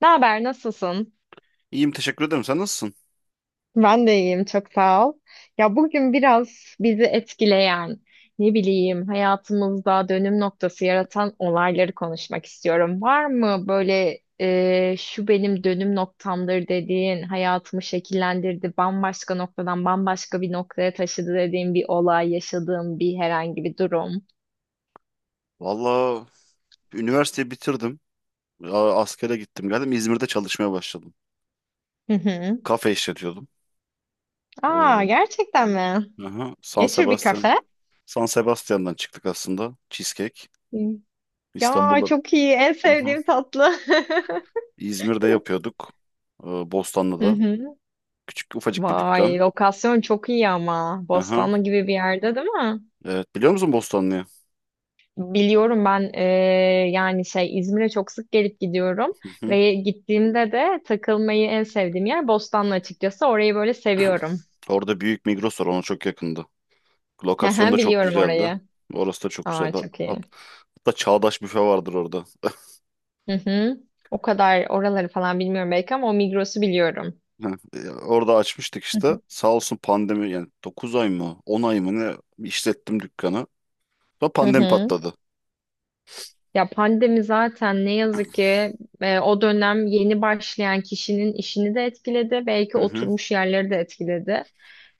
Ne haber, nasılsın? İyiyim, teşekkür ederim. Sen nasılsın? Ben de iyiyim, çok sağ ol. Ya bugün biraz bizi etkileyen, ne bileyim, hayatımızda dönüm noktası yaratan olayları konuşmak istiyorum. Var mı böyle şu benim dönüm noktamdır dediğin, hayatımı şekillendirdi, bambaşka noktadan bambaşka bir noktaya taşıdı dediğin bir olay, yaşadığın bir herhangi bir durum? Valla, üniversiteyi bitirdim. Askere gittim geldim. İzmir'de çalışmaya başladım. Hı hı. Kafe işletiyordum. Aa, Ee, gerçekten mi? aha, San Ne tür bir Sebastian. kafe? San Sebastian'dan çıktık aslında. Cheesecake. Hı. Ya İstanbul'da. çok iyi, en Aha. sevdiğim tatlı. İzmir'de yapıyorduk. Ee, Hı Bostanlı'da. hı. Küçük, ufacık bir dükkan. Vay, lokasyon çok iyi ama. Aha. Bostanlı gibi bir yerde değil mi? Evet, biliyor musun Bostanlı'yı? Biliyorum ben yani şey İzmir'e çok sık gelip gidiyorum Hı hı. ve gittiğimde de takılmayı en sevdiğim yer Bostanlı açıkçası. Orayı böyle seviyorum. Orada büyük Migros var, ona çok yakındı. Lokasyon Hı, da çok biliyorum güzeldi. orayı. Orası da çok Aa, güzeldi. çok iyi. Hatta çağdaş büfe vardır orada. Hı hı. O kadar oraları falan bilmiyorum belki ama o Migros'u biliyorum. Ha, orada açmıştık Hı hı. işte. Sağ olsun pandemi, yani 9 ay mı, 10 ay mı ne işlettim dükkanı. Sonra Hı pandemi hı. patladı. Ya pandemi zaten ne yazık ki o dönem yeni başlayan kişinin işini de etkiledi. Belki Hı hı. oturmuş yerleri de etkiledi.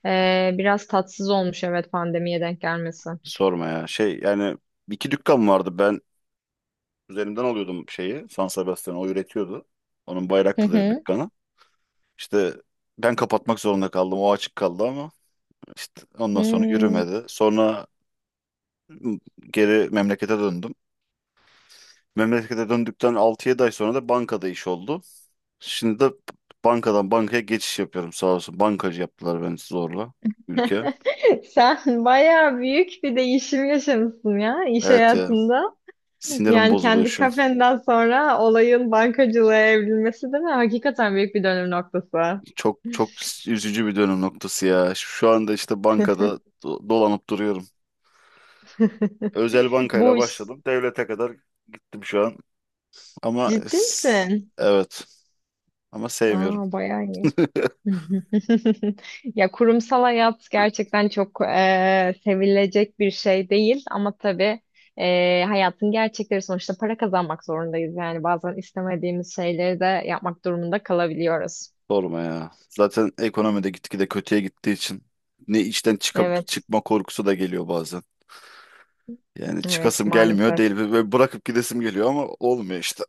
Biraz tatsız olmuş, evet, pandemiye denk gelmesi. Sorma ya. Şey, yani iki dükkan vardı. Ben üzerimden alıyordum şeyi. San Sebastian o üretiyordu. Onun Hı Bayraklı'da hı. dükkanı. İşte ben kapatmak zorunda kaldım. O açık kaldı ama işte ondan sonra Hmm. yürümedi. Sonra geri memlekete döndüm. Memlekete döndükten 6-7 ay sonra da bankada iş oldu. Şimdi de bankadan bankaya geçiş yapıyorum sağ olsun. Bankacı yaptılar beni zorla, ülke. Sen bayağı büyük bir değişim yaşamışsın ya iş Evet ya, hayatında. sinirim Yani bozuluyor kendi şu an. kafenden sonra olayın bankacılığa evrilmesi değil mi? Hakikaten büyük bir dönüm noktası. Çok çok üzücü bir dönüm noktası ya. Şu anda işte bankada dolanıp duruyorum. Özel bankayla Bu iş başladım. Devlete kadar gittim şu an. Ama ciddi s- misin? evet, ama sevmiyorum. Aa, bayağı iyi. Ya kurumsal hayat gerçekten çok sevilecek bir şey değil ama tabii hayatın gerçekleri, sonuçta para kazanmak zorundayız. Yani bazen istemediğimiz şeyleri de yapmak durumunda kalabiliyoruz. Sorma ya. Zaten ekonomide gitgide kötüye gittiği için ne işten çıkıp Evet, çıkma korkusu da geliyor bazen. Yani evet çıkasım gelmiyor maalesef. değil ve bırakıp gidesim geliyor ama olmuyor işte.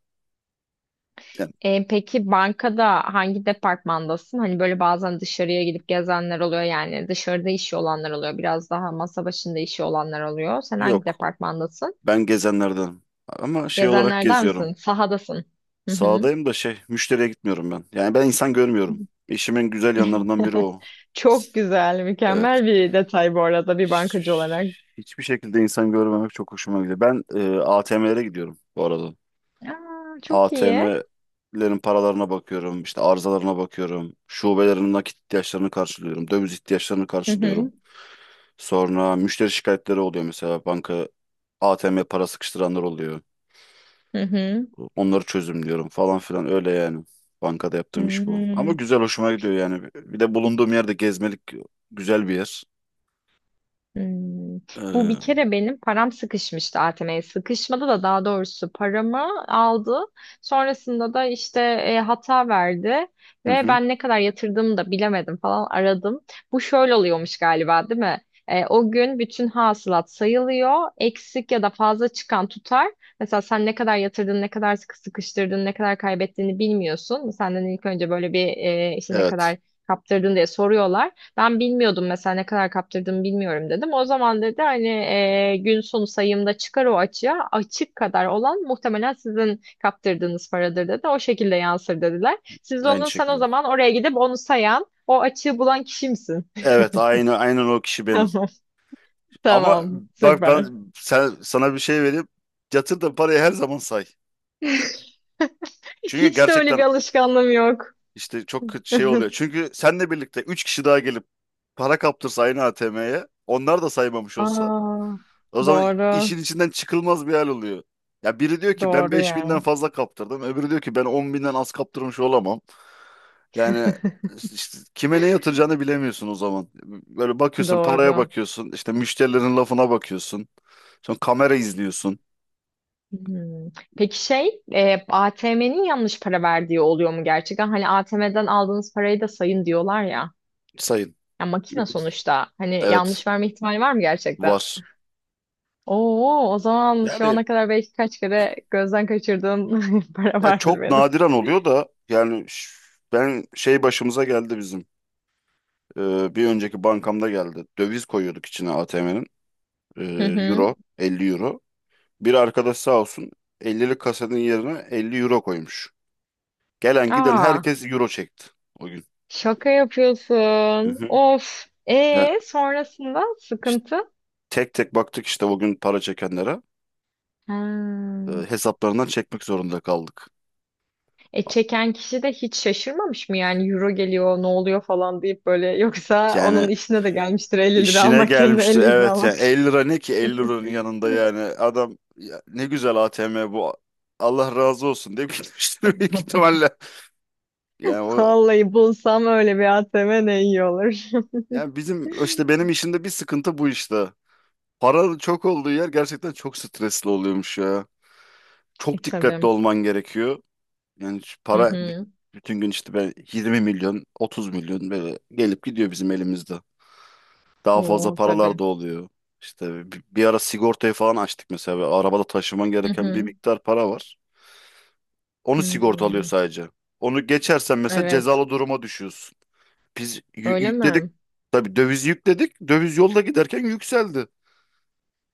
Yani Peki bankada hangi departmandasın? Hani böyle bazen dışarıya gidip gezenler oluyor, yani dışarıda işi olanlar oluyor. Biraz daha masa başında işi olanlar oluyor. Sen hangi yok. departmandasın? Ben gezenlerden. Ama şey olarak Gezenlerden geziyorum. misin? Sahadasın. Hı hı. Sağdayım da şey, müşteriye gitmiyorum ben. Yani ben insan görmüyorum. İşimin güzel yanlarından biri o. Çok güzel, Evet. mükemmel bir detay bu arada bir Hiç- bankacı olarak. Hiçbir şekilde insan görmemek çok hoşuma gidiyor. Ben ATM'lere gidiyorum bu arada. Aa, çok iyi. ATM'lerin paralarına bakıyorum, işte arızalarına bakıyorum. Şubelerin nakit ihtiyaçlarını karşılıyorum, döviz ihtiyaçlarını Hı karşılıyorum. hı. Sonra müşteri şikayetleri oluyor, mesela banka ATM para sıkıştıranlar oluyor. Hı hı. Onları çözümlüyorum falan filan, öyle yani. Bankada yaptığım iş bu. Ama Hmm. güzel, hoşuma gidiyor yani. Bir de bulunduğum yerde gezmelik güzel bir yer. Hmm. Bu bir Hı kere benim param sıkışmıştı ATM'ye. Sıkışmadı da, daha doğrusu paramı aldı. Sonrasında da işte hata verdi ve hı. ben ne kadar yatırdığımı da bilemedim falan, aradım. Bu şöyle oluyormuş galiba, değil mi? O gün bütün hasılat sayılıyor. Eksik ya da fazla çıkan tutar. Mesela sen ne kadar yatırdın, ne kadar sıkı sıkıştırdın, ne kadar kaybettiğini bilmiyorsun. Senden ilk önce böyle bir işte ne Evet. kadar kaptırdın diye soruyorlar. Ben bilmiyordum, mesela ne kadar kaptırdığımı bilmiyorum dedim. O zaman dedi hani gün sonu sayımda çıkar o açığa, açık kadar olan muhtemelen sizin kaptırdığınız paradır dedi. O şekilde yansır dediler. Siz Aynı onu, sen o şekilde. zaman oraya gidip onu sayan o açığı bulan kişi misin? Evet, aynı aynen o kişi benim. Tamam. Ama Tamam. bak Süper. ben sana bir şey vereyim. Yatırdığın parayı her zaman say. Çünkü Hiç de öyle gerçekten bir alışkanlığım yok. işte çok kötü şey oluyor. Çünkü seninle birlikte 3 kişi daha gelip para kaptırsa aynı ATM'ye, onlar da saymamış olsa, Aa, o zaman doğru. işin içinden çıkılmaz bir hal oluyor. Ya biri diyor ki ben Doğru 5000'den yani. fazla kaptırdım. Öbürü diyor ki ben 10.000'den az kaptırmış olamam. Yani işte kime ne yatıracağını bilemiyorsun o zaman. Böyle bakıyorsun, paraya Doğru. bakıyorsun, işte müşterilerin lafına bakıyorsun. Sonra kamera izliyorsun. Hmm. Peki şey, ATM'nin yanlış para verdiği oluyor mu gerçekten? Hani ATM'den aldığınız parayı da sayın diyorlar ya. Sayın. Ya makine sonuçta. Hani Evet, yanlış verme ihtimali var mı gerçekten? var. Oo, o zaman şu Yani ana kadar belki kaç kere gözden kaçırdığım para ya vardır çok benim. nadiren oluyor da, yani ben şey, başımıza geldi bizim. Bir önceki bankamda geldi. Döviz koyuyorduk içine ATM'nin. Ee, Hı hı. Euro, 50 euro. Bir arkadaş sağ olsun, 50'lik kasanın yerine 50 euro koymuş. Gelen giden Aa, herkes euro çekti o gün. şaka Hı yapıyorsun. hı. Of. Ya E sonrasında işte sıkıntı. tek tek baktık işte o gün para çekenlere, Ha. Hesaplarından çekmek zorunda kaldık. E çeken kişi de hiç şaşırmamış mı yani, euro geliyor ne oluyor falan deyip böyle? Yoksa Yani onun işine de gelmiştir 50 lira işine almak yerine gelmiştir 50 lira evet, yani almak. 50 lira ne ki 50 liranın yanında, yani adam ya ne güzel ATM bu, Allah razı olsun diye gitmiştir büyük ihtimalle. Yani o, Vallahi bulsam öyle bir ATM ne iyi olur. yani bizim işte, benim işimde bir sıkıntı bu işte. Para çok olduğu yer gerçekten çok stresli oluyormuş ya. E Çok dikkatli tabii. olman gerekiyor. Yani şu Hı para hı. bütün gün işte, ben 20 milyon, 30 milyon böyle gelip gidiyor bizim elimizde. Daha fazla Oo paralar tabii. da oluyor. İşte bir ara sigortayı falan açtık mesela. Ve arabada taşıman Hı gereken bir hı. miktar para var. Onu sigorta alıyor Hmm. sadece. Onu geçersen mesela Evet. cezalı duruma düşüyorsun. Biz Öyle yükledik. mi? Tabii dövizi yükledik. Döviz yolda giderken yükseldi.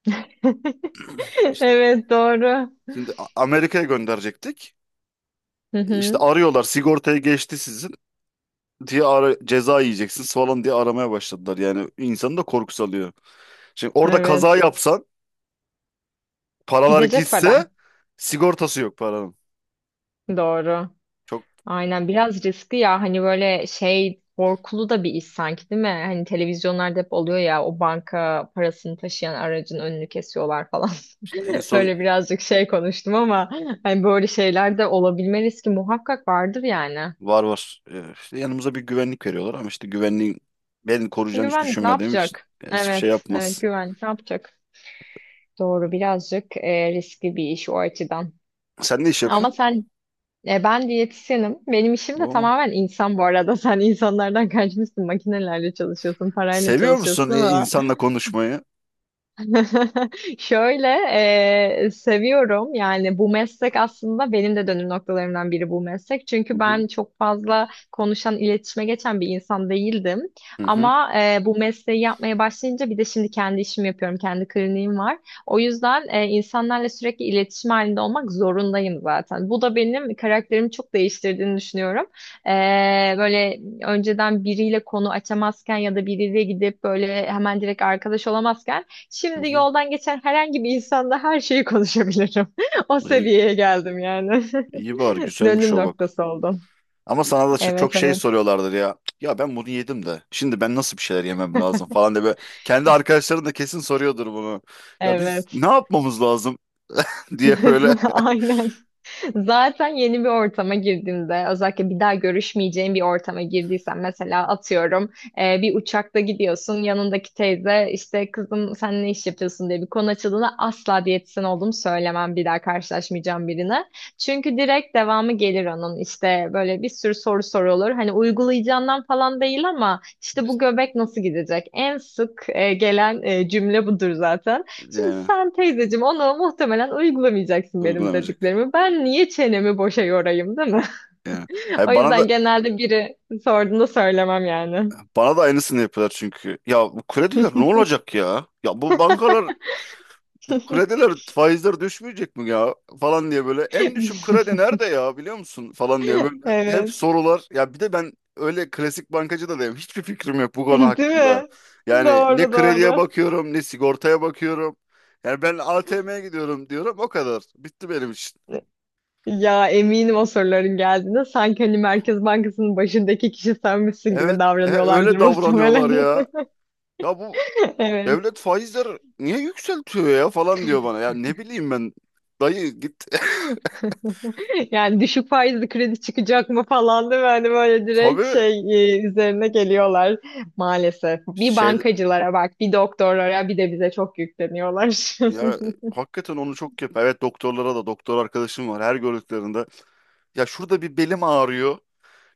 İşte Evet doğru. şimdi Amerika'ya gönderecektik. Hı İşte hı. arıyorlar, sigortayı geçti sizin ceza yiyeceksiniz falan diye aramaya başladılar. Yani insanı da korku salıyor. Şimdi orada kaza Evet. yapsan, paralar Gidecek para. gitse, sigortası yok paranın. Doğru. Çok Aynen, biraz riskli ya, hani böyle şey, korkulu da bir iş sanki, değil mi? Hani televizyonlarda hep oluyor ya o banka parasını taşıyan aracın önünü kesiyorlar falan. işte en son. Böyle birazcık şey konuştum ama hani böyle şeyler de olabilme riski muhakkak vardır yani. Var, var. İşte yanımıza bir güvenlik veriyorlar ama işte güvenliğin beni koruyacağını hiç Güvenlik ne düşünmediğim için, yapacak? ya hiçbir şey Evet, evet yapmaz. güvenlik ne yapacak? Doğru, birazcık riskli bir iş o açıdan. Sen ne iş Ama yapıyorsun? sen. Ben diyetisyenim. Benim işim de Oo. tamamen insan bu arada. Sen insanlardan kaçmışsın. Makinelerle çalışıyorsun, parayla Seviyor musun çalışıyorsun ama. insanla konuşmayı? Şöyle seviyorum, yani bu meslek aslında benim de dönüm noktalarımdan biri, bu meslek. Hı Çünkü hı. ben çok fazla konuşan, iletişime geçen bir insan değildim. Hı hı. Ama bu mesleği yapmaya başlayınca, bir de şimdi kendi işimi yapıyorum, kendi kliniğim var. O yüzden insanlarla sürekli iletişim halinde olmak zorundayım zaten. Bu da benim karakterimi çok değiştirdiğini düşünüyorum. E, Böyle önceden biriyle konu açamazken ya da biriyle gidip böyle hemen direkt arkadaş olamazken, Hı şimdi hı. yoldan geçen herhangi bir insanla her şeyi konuşabilirim. O İyi, seviyeye geldim yani. iyi bari güzelmiş Dönüm o bak. noktası oldum. Ama sana da çok Evet, şey evet. soruyorlardır ya. Ya ben bunu yedim de, şimdi ben nasıl bir şeyler yemem lazım falan diye böyle. Kendi arkadaşların da kesin soruyordur bunu. Ya biz Evet. ne yapmamız lazım diye böyle, Aynen. Zaten yeni bir ortama girdiğimde, özellikle bir daha görüşmeyeceğim bir ortama girdiysem, mesela atıyorum bir uçakta gidiyorsun, yanındaki teyze işte kızım sen ne iş yapıyorsun diye bir konu açıldığında asla diyetisyen olduğumu söylemem bir daha karşılaşmayacağım birine. Çünkü direkt devamı gelir onun, işte böyle bir sürü soru sorulur. Hani uygulayacağından falan değil ama işte bu göbek nasıl gidecek? En sık gelen cümle budur zaten. Şimdi yani sen teyzeciğim ona muhtemelen uygulamayacaksın benim uygulamayacak. dediklerimi. Ben niye çenemi boşa yorayım, değil mi? Yani. O Hayır, bana da yüzden genelde biri sorduğunda söylemem yani. bana da aynısını yapıyorlar çünkü. Ya bu krediler ne olacak ya? Ya bu bankalar, bu krediler, faizler düşmeyecek mi ya falan diye böyle, en düşük kredi nerede ya biliyor musun falan diye böyle hep Evet. sorular ya. Bir de ben öyle klasik bankacı da değilim, hiçbir fikrim yok bu konu Değil hakkında. mi? Yani ne Doğru, krediye doğru. bakıyorum ne sigortaya bakıyorum, yani ben ATM'ye gidiyorum diyorum, o kadar, bitti benim için. Ya eminim o soruların geldiğinde sanki hani Merkez Bankası'nın başındaki kişi senmişsin gibi Evet, davranıyorlardır öyle davranıyorlar muhtemelen. ya. Ya bu Evet. devlet faizler niye yükseltiyor ya falan diyor bana, ya ne bileyim ben, dayı git. Yani düşük faizli kredi çıkacak mı falan, değil mi? Hani böyle direkt Tabii, şey, üzerine geliyorlar maalesef. Bir şey. bankacılara bak, bir doktorlara, bir de bize çok yükleniyorlar. Ya, hakikaten onu çok yap. Evet, doktorlara da doktor arkadaşım var, her gördüklerinde. Ya şurada bir belim ağrıyor.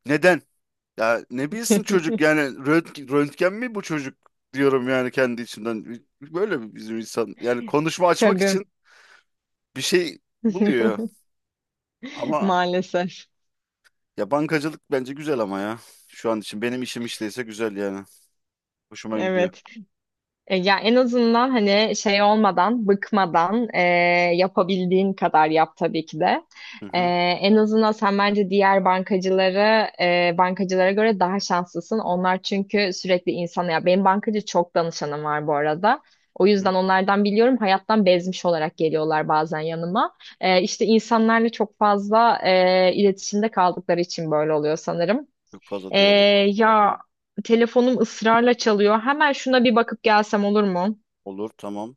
Neden? Ya ne bilsin çocuk, yani röntgen, röntgen mi bu çocuk diyorum yani kendi içimden. Böyle bizim insan yani konuşma açmak Tabii. için bir şey buluyor. Ama Maalesef. ya bankacılık bence güzel ama ya. Şu an için benim işim işteyse güzel yani. Hoşuma gidiyor. Evet. Ya en azından hani şey olmadan, bıkmadan, yapabildiğin kadar yap tabii ki de. Hı E, hı, En azından sen bence diğer bankacılara bankacılara göre daha şanslısın. Onlar çünkü sürekli insana, ya benim bankacı çok danışanım var bu arada. O hı hı. yüzden onlardan biliyorum, hayattan bezmiş olarak geliyorlar bazen yanıma. İşte insanlarla çok fazla iletişimde kaldıkları için böyle oluyor sanırım. Çok fazla Ee, diyalog. ya telefonum ısrarla çalıyor. Hemen şuna bir bakıp gelsem olur mu? Olur tamam.